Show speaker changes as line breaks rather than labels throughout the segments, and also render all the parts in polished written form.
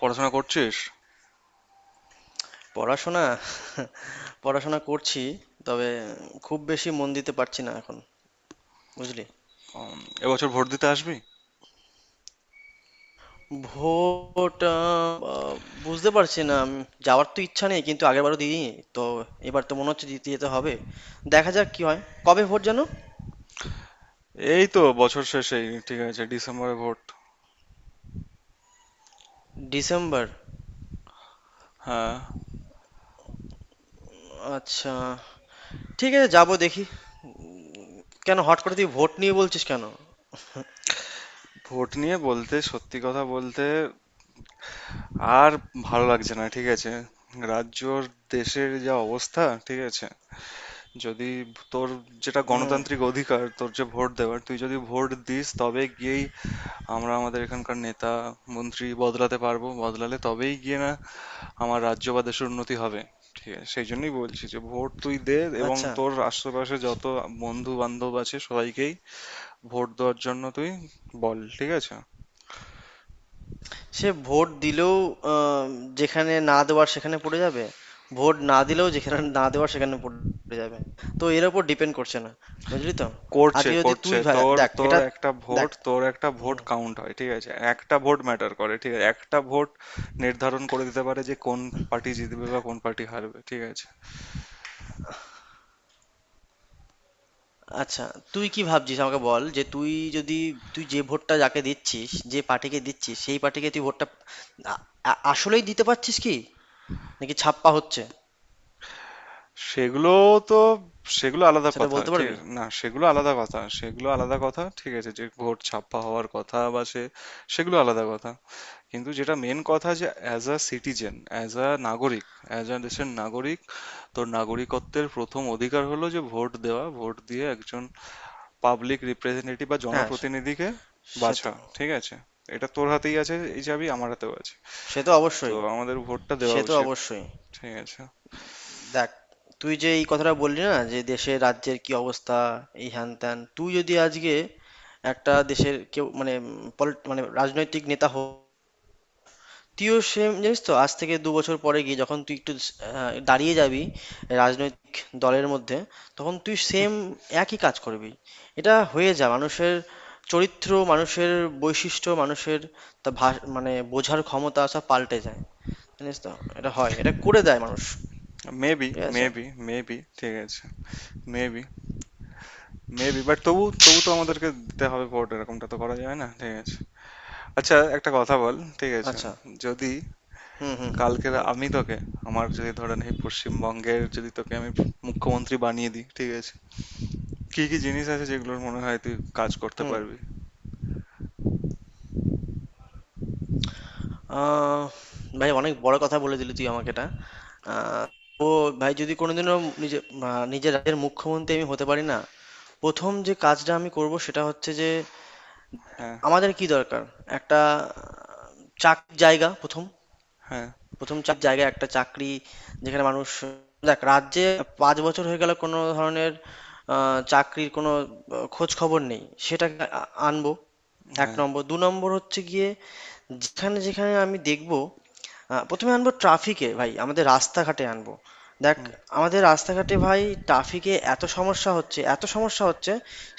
পড়াশোনা করছিস?
পড়াশোনা পড়াশোনা করছি তবে খুব বেশি মন দিতে পারছি না এখন, বুঝলি।
এবছর ভোট দিতে আসবি?
ভোট, আহ, আহ, বুঝতে পারছি না, যাওয়ার তো ইচ্ছা নেই, কিন্তু আগের বারও দিইনি, তো এবার তো মনে হচ্ছে দিতে যেতে হবে। দেখা যাক কি হয়। কবে ভোট যেন?
এই তো বছর শেষেই, ঠিক আছে। ডিসেম্বরে ভোট।
ডিসেম্বর?
হ্যাঁ।
আচ্ছা, ঠিক আছে, যাবো দেখি। কেন হট করে তুই ভোট নিয়ে বলছিস কেন?
ভোট নিয়ে বলতে, সত্যি কথা বলতে আর ভালো লাগছে না, ঠিক আছে? রাজ্যর, দেশের যা অবস্থা, ঠিক আছে, যদি তোর যেটা
হুম।
গণতান্ত্রিক অধিকার, তোর যে ভোট দেওয়ার, তুই যদি ভোট দিস তবে গিয়েই আমরা আমাদের এখানকার নেতা মন্ত্রী বদলাতে পারবো, বদলালে তবেই গিয়ে না আমার রাজ্য বা দেশের উন্নতি হবে। ঠিক আছে, সেই জন্যই বলছি যে ভোট তুই দে, এবং
আচ্ছা।
তোর আশেপাশে যত বন্ধু বান্ধব আছে সবাইকেই ভোট দেওয়ার জন্য তুই বল, ঠিক আছে।
সে ভোট দিলেও, আহ, যেখানে না দেওয়ার সেখানে পড়ে যাবে, ভোট না দিলেও যেখানে না দেওয়ার সেখানে পড়ে যাবে। তো এর উপর ডিপেন্ড করছে না, বুঝলি তো।
করছে,
আজকে যদি
করছে,
তুই
তোর
দেখ
তোর
এটা,
একটা
দেখ।
ভোট তোর একটা ভোট কাউন্ট হয়, ঠিক আছে, একটা ভোট ম্যাটার করে, ঠিক আছে। একটা ভোট নির্ধারণ করে দিতে পারে যে কোন পার্টি জিতবে বা কোন পার্টি হারবে, ঠিক আছে।
আচ্ছা, তুই কি ভাবছিস আমাকে বল, যে তুই যদি, তুই যে ভোটটা যাকে দিচ্ছিস, যে পার্টিকে দিচ্ছিস, সেই পার্টিকে তুই ভোটটা আ- আসলেই দিতে পারছিস কি, নাকি ছাপ্পা হচ্ছে
সেগুলো তো সেগুলো আলাদা
সেটা
কথা,
বলতে
ঠিক।
পারবি?
না, সেগুলো আলাদা কথা, সেগুলো আলাদা কথা, ঠিক আছে। যে ভোট ছাপ্পা হওয়ার কথা বা সে, সেগুলো আলাদা কথা। কিন্তু যেটা মেন কথা, যে as a citizen, as a নাগরিক, অ্যাজ আ দেশের নাগরিক, তোর নাগরিকত্বের প্রথম অধিকার হলো যে ভোট দেওয়া। ভোট দিয়ে একজন পাবলিক রিপ্রেজেন্টেটিভ বা
হ্যাঁ সে,
জনপ্রতিনিধিকে
সে
বাছা,
তো,
ঠিক আছে। এটা তোর হাতেই আছে, এই চাবি আমার হাতেও আছে,
সে তো
তো
অবশ্যই,
আমাদের ভোটটা দেওয়া
সে তো
উচিত,
অবশ্যই।
ঠিক আছে।
দেখ, তুই যে এই কথাটা বললি না, যে দেশের রাজ্যের কি অবস্থা, এই হ্যান ত্যান, তুই যদি আজকে একটা দেশের কেউ, মানে মানে রাজনৈতিক নেতা হোক, তুইও সেম, জানিস তো, আজ থেকে দু বছর পরে গিয়ে যখন তুই একটু দাঁড়িয়ে যাবি রাজনৈতিক দলের মধ্যে, তখন তুই সেম একই কাজ করবি। এটা হয়ে যা মানুষের চরিত্র, মানুষের বৈশিষ্ট্য, মানুষের মানে বোঝার ক্ষমতা, সব পাল্টে যায়, জানিস তো। এটা হয়, এটা করে দেয় মানুষ।
মেবি
ঠিক আছে।
মেবি মেবি ঠিক আছে, মেবি। মেবি বাট তবু তবু তো আমাদেরকে দিতে হবে ভোট, এরকমটা তো করা যায় না, ঠিক আছে। আচ্ছা একটা কথা বল, ঠিক আছে।
আচ্ছা।
যদি
হুম, হুম, হুম,
কালকে
বল।
আমি তোকে, আমার যদি ধরেন এই পশ্চিমবঙ্গের যদি তোকে আমি মুখ্যমন্ত্রী বানিয়ে দিই, ঠিক আছে, কি কি জিনিস আছে যেগুলোর মনে হয় তুই কাজ করতে
হুম,
পারবি?
আহ ভাই, অনেক বড় কথা বলে দিলি তুই আমাকে এটা। আ তো ভাই, যদি কোনোদিনও নিজে, নিজের রাজ্যের মুখ্যমন্ত্রী আমি হতে পারি না, ১ম যে কাজটা আমি করব সেটা হচ্ছে যে
হ্যাঁ,
আমাদের কি দরকার? একটা চাকরির জায়গা, ১ম,
হ্যাঁ,
১ম চাকরির জায়গা, একটা চাকরি যেখানে মানুষ। দেখ, রাজ্যে ৫ বছর হয়ে গেল কোনো ধরনের আ চাকরির কোনো খোঁজখবর নেই। সেটাকে আনবো ১
হ্যাঁ।
নম্বর। ২ নম্বর হচ্ছে গিয়ে, যেখানে আমি দেখবো, প্রথমে আনবো ট্রাফিকে ভাই, আমাদের রাস্তাঘাটে আনবো। দেখ,
হুম।
আমাদের রাস্তাঘাটে ভাই, ট্রাফিকে এত সমস্যা হচ্ছে, এত সমস্যা হচ্ছে,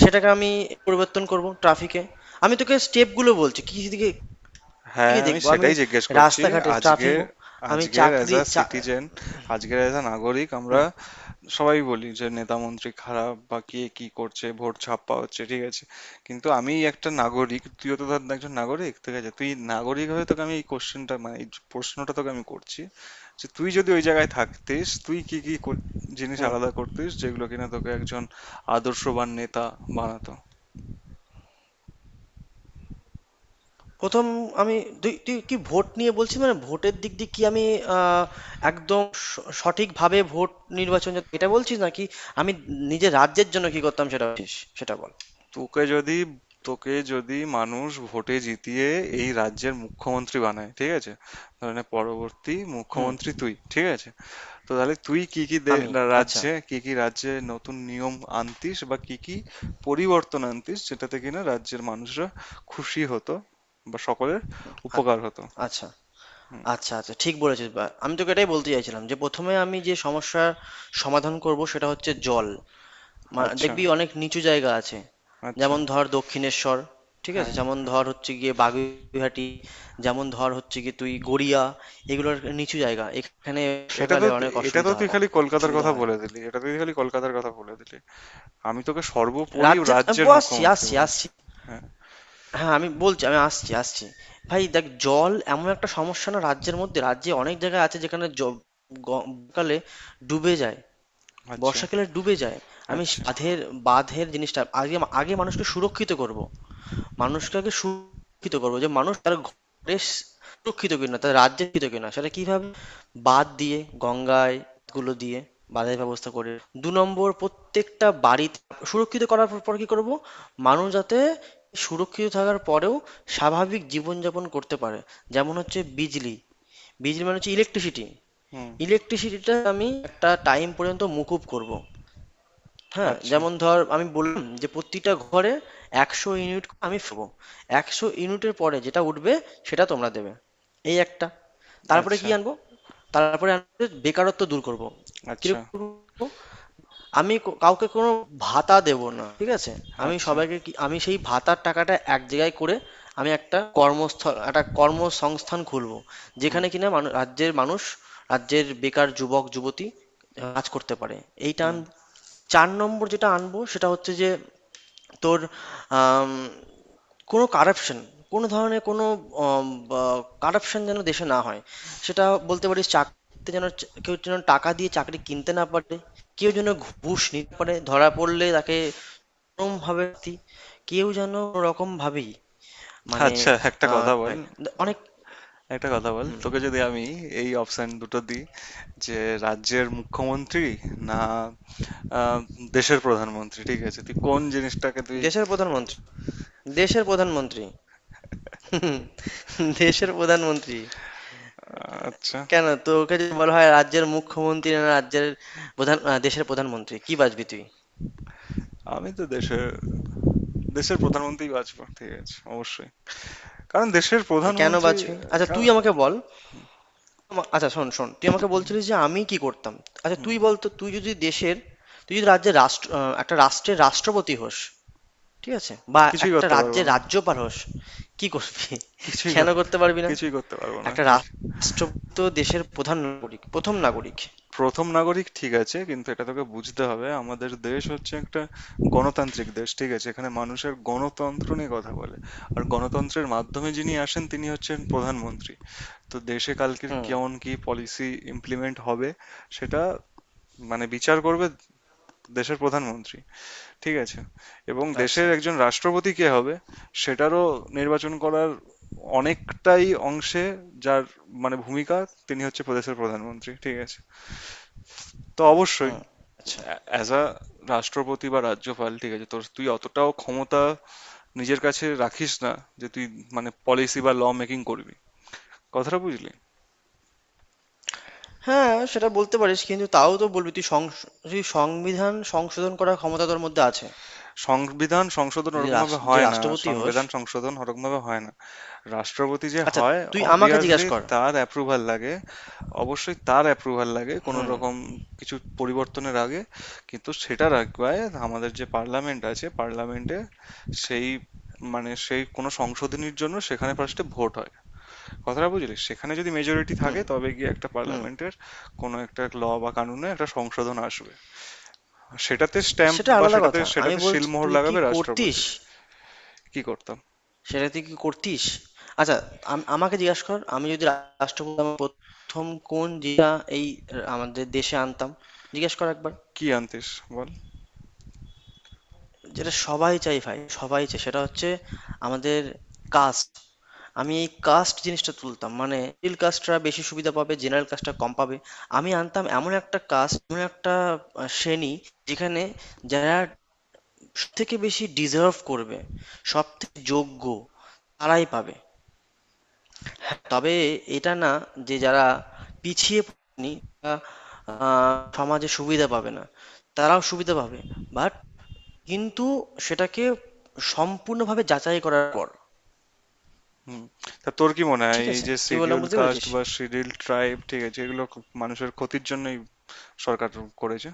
সেটাকে আমি পরিবর্তন করবো ট্রাফিকে। আমি তোকে স্টেপগুলো বলছি কি দিকে,
হ্যাঁ,
দিকে
আমি
দেখবো আমি
সেটাই জিজ্ঞেস করছি।
রাস্তাঘাটে ট্রাফিক।
আজকের,
আমি
আজকের অ্যাজ
চাকরি
আ
চা।
সিটিজেন, আজকের অ্যাজ আ নাগরিক, আমরা
হুম,
সবাই বলি যে নেতা মন্ত্রী খারাপ, বা কে কি করছে, ভোট ছাপ্পা হচ্ছে, ঠিক আছে। কিন্তু আমি একটা নাগরিক, তুইও তো ধর একজন নাগরিক, ঠিক আছে, তুই নাগরিক হয়ে তোকে আমি এই কোশ্চেনটা মানে এই প্রশ্নটা তোকে আমি করছি যে তুই যদি ওই জায়গায় থাকতিস তুই কি কি কর- জিনিস
হুম।
আলাদা করতিস যেগুলো কিনা তোকে একজন আদর্শবান নেতা বানাতো।
১ম আমি, তুই তুই কি ভোট নিয়ে বলছিস, মানে ভোটের দিক দিয়ে কি আমি আ একদম স সঠিকভাবে ভোট নির্বাচন এটা বলছিস, নাকি আমি নিজের রাজ্যের জন্য কি করতাম সেটা বলছিস? সেটা বল।
তোকে যদি তোকে যদি মানুষ ভোটে জিতিয়ে এই রাজ্যের মুখ্যমন্ত্রী বানায়, ঠিক আছে, ধরেনে পরবর্তী
হুম।
মুখ্যমন্ত্রী তুই, ঠিক আছে, তো তাহলে তুই কি কি দে-
আমি।
রা-
আচ্ছা।
রাজ্যে কি কি রাজ্যে নতুন নিয়ম আনতিস বা কি কি পরিবর্তন আনতিস যেটাতে কিনা রাজ্যের মানুষরা খুশি হতো বা সকলের
আ
উপকার হতো।
আচ্ছা,
হুম।
আচ্ছা, আচ্ছা, ঠিক বলেছিস, বা আমি তোকে এটাই বলতে চাইছিলাম, যে প্রথমে আমি যে সমস্যার সমাধান করব সেটা হচ্ছে জল। মা
আচ্ছা,
দেখবি অনেক নিচু জায়গা আছে।
আচ্ছা,
যেমন ধর দক্ষিণেশ্বর, ঠিক আছে,
হ্যাঁ।
যেমন ধর হচ্ছে গিয়ে বাগুইআটি, যেমন ধর হচ্ছে গিয়ে তুই গড়িয়া, এগুলোর নিচু জায়গা, এখানে
এটা তো
বর্ষাকালে অনেক
এটা তো
অসুবিধা
তুই
হয়,
খালি কলকাতার
অসুবিধা
কথা
হয়।
বলে দিলি, এটা তুই খালি কলকাতার কথা বলে দিলি। আমি তোকে সর্বোপরি
রাজ্যে আমি
রাজ্যের
আসছি,
মুখ্যমন্ত্রী
আসছি,
বলছি।
আসছি,
হ্যাঁ,
হ্যাঁ আমি বলছি, আমি আসছি, আসছি। ভাই দেখ, জল এমন একটা সমস্যা না, রাজ্যের মধ্যে, রাজ্যে অনেক জায়গা আছে যেখানে গ- কালে ডুবে যায়,
আচ্ছা,
বর্ষাকালে ডুবে যায়। আমি
আচ্ছা,
বাঁধের, জিনিসটা আগে, আগে মানুষকে সুরক্ষিত করব, মানুষটাকে সুরক্ষিত করবো, যে মানুষ তার ঘরে সুরক্ষিত কিনা, তার রাজ্যে সুরক্ষিত কিনা, সেটা কিভাবে, বাঁধ দিয়ে, গঙ্গায় গুলো দিয়ে, বাঁধের ব্যবস্থা করে। দু নম্বর, প্রত্যেকটা বাড়িতে সুরক্ষিত করার পর কি করব, মানুষ যাতে সুরক্ষিত থাকার পরেও স্বাভাবিক জীবনযাপন করতে পারে, যেমন হচ্ছে বিজলি। বিজলি মানে হচ্ছে ইলেকট্রিসিটি।
হুম,
ইলেকট্রিসিটিটা আমি একটা টাইম পর্যন্ত মকুব করব। হ্যাঁ,
আচ্ছা,
যেমন ধর আমি বললাম যে প্রতিটা ঘরে ১০০ ইউনিট করে আমি ফেলবো, ১০০ ইউনিটের পরে যেটা উঠবে সেটা তোমরা দেবে। এই একটা। তারপরে কি
আচ্ছা,
আনবো, তারপরে আনবো বেকারত্ব দূর করব।
আচ্ছা,
কিরকম করবো? আমি কাউকে কোনো ভাতা দেব না, ঠিক আছে। আমি
আচ্ছা,
সবাইকে কি, আমি সেই ভাতার টাকাটা এক জায়গায় করে আমি একটা কর্মস্থল, একটা কর্মসংস্থান খুলবো,
হুম,
যেখানে কিনা রাজ্যের মানুষ, রাজ্যের বেকার যুবক যুবতী কাজ করতে পারে। এইটা
হুম।
আনবো। চার নম্বর যেটা আনবো সেটা হচ্ছে যে তোর, আম, কোনো কারাপশন, কোনো ধরনের কোনো কারাপশন যেন দেশে না হয়। সেটা বলতে পারিস, চাকরিতে যেন কেউ যেন টাকা দিয়ে চাকরি কিনতে না পারে, কেউ যেন ঘুষ নিতে পারে, ধরা পড়লে তাকে কোনোভাবে শাস্তি, কেউ যেন রকম ভাবেই মানে,
আচ্ছা একটা কথা
কি
বল,
হয়, অনেক।
একটা কথা বল, তোকে যদি আমি এই অপশন দুটো দিই যে রাজ্যের মুখ্যমন্ত্রী না আহ, দেশের প্রধানমন্ত্রী, ঠিক আছে, তুই কোন জিনিসটাকে তুই?
দেশের প্রধানমন্ত্রী, দেশের প্রধানমন্ত্রী। দেশের প্রধানমন্ত্রী।
আচ্ছা।
কেন, তোকে যদি বলা হয় রাজ্যের মুখ্যমন্ত্রী, না রাজ্যের দেশের প্রধানমন্ত্রী, কি বাজবি তুই?
আমি তো দেশের, দেশের প্রধানমন্ত্রী বাঁচবো, ঠিক আছে, অবশ্যই, কারণ দেশের
তো কেন
প্রধানমন্ত্রী।
বাজবি, আচ্ছা
কারণ,
তুই আমাকে বল। আচ্ছা শোন, শোন, তুই আমাকে
হুম,
বলছিলিস যে আমি কি করতাম। আচ্ছা
হুম,
তুই বল তো, তুই যদি দেশের, তুই যদি রাজ্যের একটা রাষ্ট্রের রাষ্ট্রপতি হোস, ঠিক আছে, বা
কিছুই
একটা
করতে পারবো
রাজ্যের
না।
রাজ্যপাল হোস, কি করবি?
কিছুই
কেন
কর-
করতে পারবি না?
কিছুই করতে পারবো না
একটা
কিছু।
রাষ্ট্রপতি তো দেশের প্রধান নাগরিক, প্রথম নাগরিক।
প্রথম নাগরিক, ঠিক আছে, কিন্তু এটা তোকে বুঝতে হবে, আমাদের দেশ হচ্ছে একটা গণতান্ত্রিক দেশ, ঠিক আছে। এখানে মানুষের গণতন্ত্র নিয়ে কথা বলে, আর গণতন্ত্রের মাধ্যমে যিনি আসেন তিনি হচ্ছেন প্রধানমন্ত্রী। তো দেশে কালকের
হুম।
কেমন কি পলিসি ইমপ্লিমেন্ট হবে সেটা মানে বিচার করবে দেশের প্রধানমন্ত্রী, ঠিক আছে। এবং দেশের
আচ্ছা।
একজন রাষ্ট্রপতি কে হবে সেটারও নির্বাচন করার অনেকটাই অংশে যার মানে ভূমিকা, তিনি হচ্ছে প্রদেশের প্রধানমন্ত্রী, ঠিক আছে। তো অবশ্যই
হুম। আচ্ছা।
অ্যাজ আ রাষ্ট্রপতি বা রাজ্যপাল, ঠিক আছে, তোর, তুই অতটাও ক্ষমতা নিজের কাছে রাখিস না যে তুই মানে পলিসি বা ল মেকিং করবি, কথাটা বুঝলি?
হ্যাঁ, সেটা বলতে পারিস। কিন্তু তাও তো বলবি, তুই সংবিধান সংশোধন করার ক্ষমতা তোর মধ্যে আছে।
সংবিধান সংশোধন
যদি
ওরকম
রাষ
ভাবে
যে
হয় না,
রাষ্ট্রপতি হোস।
সংবিধান সংশোধন ওরকম ভাবে হয় না। রাষ্ট্রপতি যে
আচ্ছা,
হয়,
তুই আমাকে
অবভিয়াসলি
জিজ্ঞাসা কর।
তার অ্যাপ্রুভাল লাগে, অবশ্যই তার অ্যাপ্রুভাল লাগে কোনো
হুম,
রকম কিছু পরিবর্তনের আগে। কিন্তু সেটা রাখবায় আমাদের যে পার্লামেন্ট আছে, পার্লামেন্টে সেই মানে সেই কোনো সংশোধনীর জন্য সেখানে ফার্স্টে ভোট হয়, কথাটা বুঝলি। সেখানে যদি মেজরিটি থাকে তবে গিয়ে একটা
হুম।
পার্লামেন্টের কোনো একটা ল বা কানুনে একটা সংশোধন আসবে, সেটাতে স্ট্যাম্প
সেটা
বা
আলাদা
সেটাতে
কথা। আমি
সেটাতে
বলছি
সিলমোহর
তুই কি
লাগাবে
করতিস?
রাষ্ট্রপতি। কি করতাম,
সেটা তুই কি করতিস? আচ্ছা, আমাকে জিজ্ঞাসা কর, আমি যদি রাষ্ট্রপতি হতাম ১ম কোন জিনিসটা এই আমাদের দেশে আনতাম? জিজ্ঞেস কর একবার।
কি আনতিস, বল।
যেটা সবাই চায় ভাই, সবাই চায়। সেটা হচ্ছে আমাদের কাস্ট। আমি এই কাস্ট জিনিসটা তুলতাম। মানে মিডল কাস্টরা বেশি সুবিধা পাবে, জেনারেল কাস্টরা কম পাবে। আমি আনতাম এমন একটা কাস্ট, এমন একটা শ্রেণী, যেখানে যারা সবথেকে বেশি ডিজার্ভ করবে, সবথেকে যোগ্য, তারাই পাবে। তবে এটা না যে যারা পিছিয়ে পড়েনি তারা, সমাজে সুবিধা পাবে না, তারাও সুবিধা পাবে। বাট কিন্তু সেটাকে সম্পূর্ণভাবে যাচাই করার পর।
হুম। তা তোর কি মনে হয়
ঠিক
এই
আছে,
যে
কি বললাম
শিডিউল
বুঝতে
কাস্ট
পেরেছিস?
বা শিডিউল ট্রাইব, ঠিক আছে, এগুলো খুব মানুষের ক্ষতির জন্যই সরকার করেছে?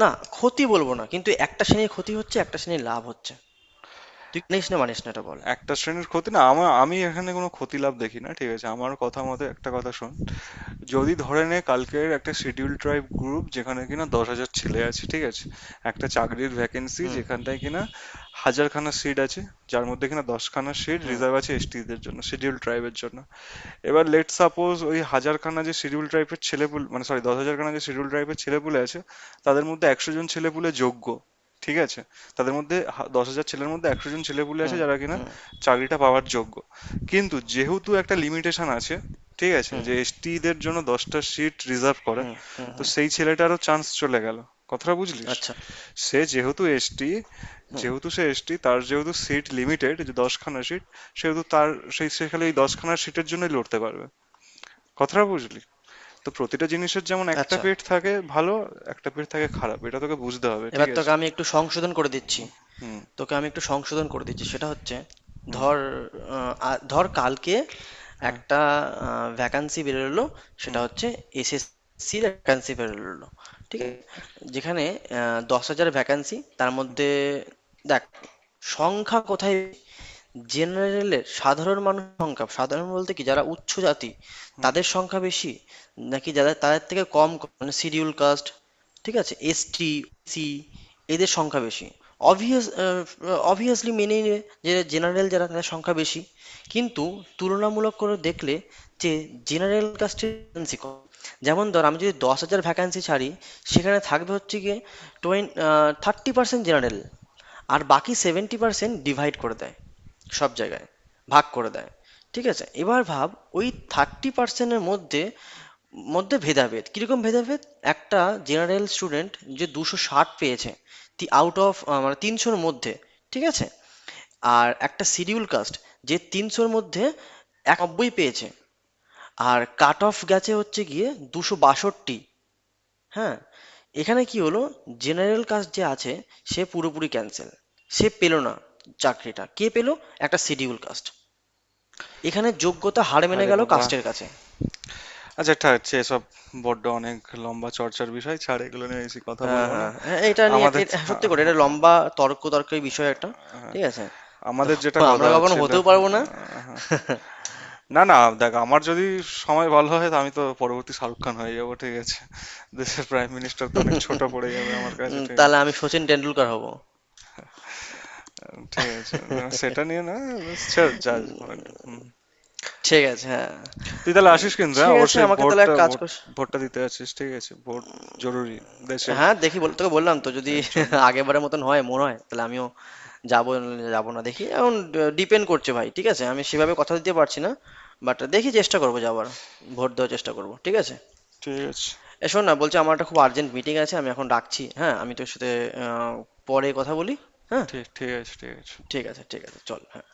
না, ক্ষতি বলব না। কিন্তু একটা শ্রেণীর ক্ষতি হচ্ছে, একটা শ্রেণীর লাভ হচ্ছে। তুই মানিস না মানিস না এটা বল?
একটা শ্রেণীর ক্ষতি না, আমার, আমি এখানে কোনো ক্ষতি লাভ দেখি না, ঠিক আছে, আমার কথা মতে একটা কথা শোন। যদি ধরে নে কালকের একটা শিডিউল ট্রাইব গ্রুপ যেখানে কিনা 10,000 ছেলে আছে, ঠিক আছে, একটা চাকরির ভ্যাকেন্সি
হুম,
যেখানটায় কিনা হাজারখানা সিট আছে, যার মধ্যে কিনা দশখানা সিট
হুম,
রিজার্ভ আছে এসটিদের জন্য, শিডিউল ট্রাইবের জন্য। এবার লেট সাপোজ ওই হাজারখানা যে শিডিউল ট্রাইবের ছেলেপুলে, মানে সরি দশ হাজারখানা যে শিডিউল ট্রাইবের ছেলেপুলে আছে তাদের মধ্যে 100 জন ছেলেপুলে যোগ্য, ঠিক আছে। তাদের মধ্যে দশ হাজার ছেলের মধ্যে 100 জন ছেলেপুলে আছে
হুম,
যারা কিনা
হুম,
চাকরিটা পাওয়ার যোগ্য, কিন্তু যেহেতু একটা লিমিটেশন আছে, ঠিক আছে,
হুম,
যে এসটি দের জন্য দশটা সিট রিজার্ভ করা,
হুম, হুম,
তো
হুম।
সেই ছেলেটারও চান্স চলে গেল, কথাটা বুঝলিস।
আচ্ছা,
সে যেহেতু এসটি,
হুম,
যেহেতু সে এসটি তার যেহেতু সিট লিমিটেড, যে দশখানা সিট, সেহেতু তার, সেই, সে খালি ওই দশখানা সিটের জন্যই লড়তে পারবে, কথাটা বুঝলি। তো প্রতিটা জিনিসের যেমন একটা
আচ্ছা।
পেট থাকে ভালো, একটা পেট থাকে খারাপ, এটা তোকে বুঝতে হবে,
এবার
ঠিক
তোকে
আছে।
আমি একটু সংশোধন করে দিচ্ছি।
হুম,
তোকে আমি একটু সংশোধন করে দিচ্ছি। সেটা হচ্ছে,
হুম,
ধর, ধর কালকে
হ্যাঁ,
একটা ভ্যাকান্সি বেরোলো, সেটা
হুম,
হচ্ছে এসএসসি ভ্যাকান্সি বেরোলো, ঠিক
হুম,
আছে, যেখানে দশ হাজার ভ্যাকান্সি, তার
হুম,
মধ্যে দেখ সংখ্যা কোথায়, জেনারেলের, সাধারণ মানুষ সংখ্যা, সাধারণ বলতে কি যারা উচ্চ জাতি,
হুম।
তাদের সংখ্যা বেশি, নাকি যারা তাদের থেকে কম, মানে শিডিউল কাস্ট, ঠিক আছে, এসটি, সি, এদের সংখ্যা বেশি। অবভিয়াস, অবভিয়াসলি মেনে নিবে যে জেনারেল যারা তাদের সংখ্যা বেশি। কিন্তু তুলনামূলক করে দেখলে যে জেনারেল কাস্টের ভ্যাকেন্সি কম। যেমন ধর আমি যদি দশ হাজার ভ্যাকান্সি ছাড়ি, সেখানে থাকবে হচ্ছে গিয়ে টোয়েন থার্টি পার্সেন্ট জেনারেল, আর বাকি সেভেন্টি পার্সেন্ট ডিভাইড করে দেয় সব জায়গায়, ভাগ করে দেয়, ঠিক আছে। এবার ভাব, ওই থার্টি পার্সেন্টের মধ্যে মধ্যে ভেদাভেদ, কিরকম ভেদাভেদ, একটা জেনারেল স্টুডেন্ট যে দুশো ষাট পেয়েছে আউট অফ, মানে তিনশোর মধ্যে, ঠিক আছে, আর একটা শিডিউল কাস্ট যে তিনশোর মধ্যে একানব্বই পেয়েছে, আর কাট অফ গেছে হচ্ছে গিয়ে দুশো বাষট্টি। হ্যাঁ, এখানে কি হলো, জেনারেল কাস্ট যে আছে সে পুরোপুরি ক্যান্সেল, সে পেলো না। চাকরিটা কে পেলো, একটা শিডিউল কাস্ট। এখানে যোগ্যতা হার মেনে
আরে
গেল
বাবা,
কাস্টের কাছে।
আচ্ছা ঠিক আছে, এসব বড্ড অনেক লম্বা চর্চার বিষয়, ছাড় এগুলো নিয়ে বেশি কথা
হ্যাঁ
বলবো না।
হ্যাঁ হ্যাঁ, এটা নিয়ে
আমাদের,
সত্যি করে, এটা
আম- আম-
লম্বা তর্কের বিষয় একটা। ঠিক আছে। তো
আমাদের যেটা কথা
আমরা কখনো
হচ্ছিল,
হতেও পারবো না।
না না, দেখ আমার যদি সময় ভালো হয় তো আমি তো পরবর্তী শাহরুখ খান হয়ে যাবো, ঠিক আছে, দেশের প্রাইম মিনিস্টার তো অনেক ছোট পড়ে যাবে আমার কাছে, ঠিক আছে।
তাহলে আমি সচিন টেন্ডুলকার হব।
ঠিক আছে, না, সেটা নিয়ে না, ব্যাস ছেড় যা যখন। হুম।
ঠিক আছে, হ্যাঁ।
তুই তাহলে
উম,
আসিস কিন্তু, হ্যাঁ?
ঠিক আছে,
অবশ্যই
আমাকে তাহলে এক
ভোটটা,
কাজ
ভোট,
কর।
ভোটটা দিতে আসিস, ঠিক আছে, ভোট জরুরি দেশের
হ্যাঁ দেখি, বল, তোকে বললাম তো, যদি
এর জন্য।
আগেরবারের মতন হয় মনে হয় তাহলে আমিও যাবো, নাহলে যাবো না, দেখি এখন। ডিপেন্ড করছে ভাই, ঠিক আছে, আমি সেভাবে কথা দিতে পারছি না, বাট দেখি চেষ্টা করবো যাবার, ভোট দেওয়ার চেষ্টা করবো, ঠিক আছে।
ঠিক আছে।
এ শোন না, বলছি আমার একটা খুব আর্জেন্ট মিটিং আছে, আমি এখন রাখছি, হ্যাঁ আমি তোর সাথে আহ, পরে কথা বলি। হ্যাঁ,
ঠিক ঠিক আছে, ঠিক আছে।
ঠিক আছে, ঠিক আছে, চল, হ্যাঁ।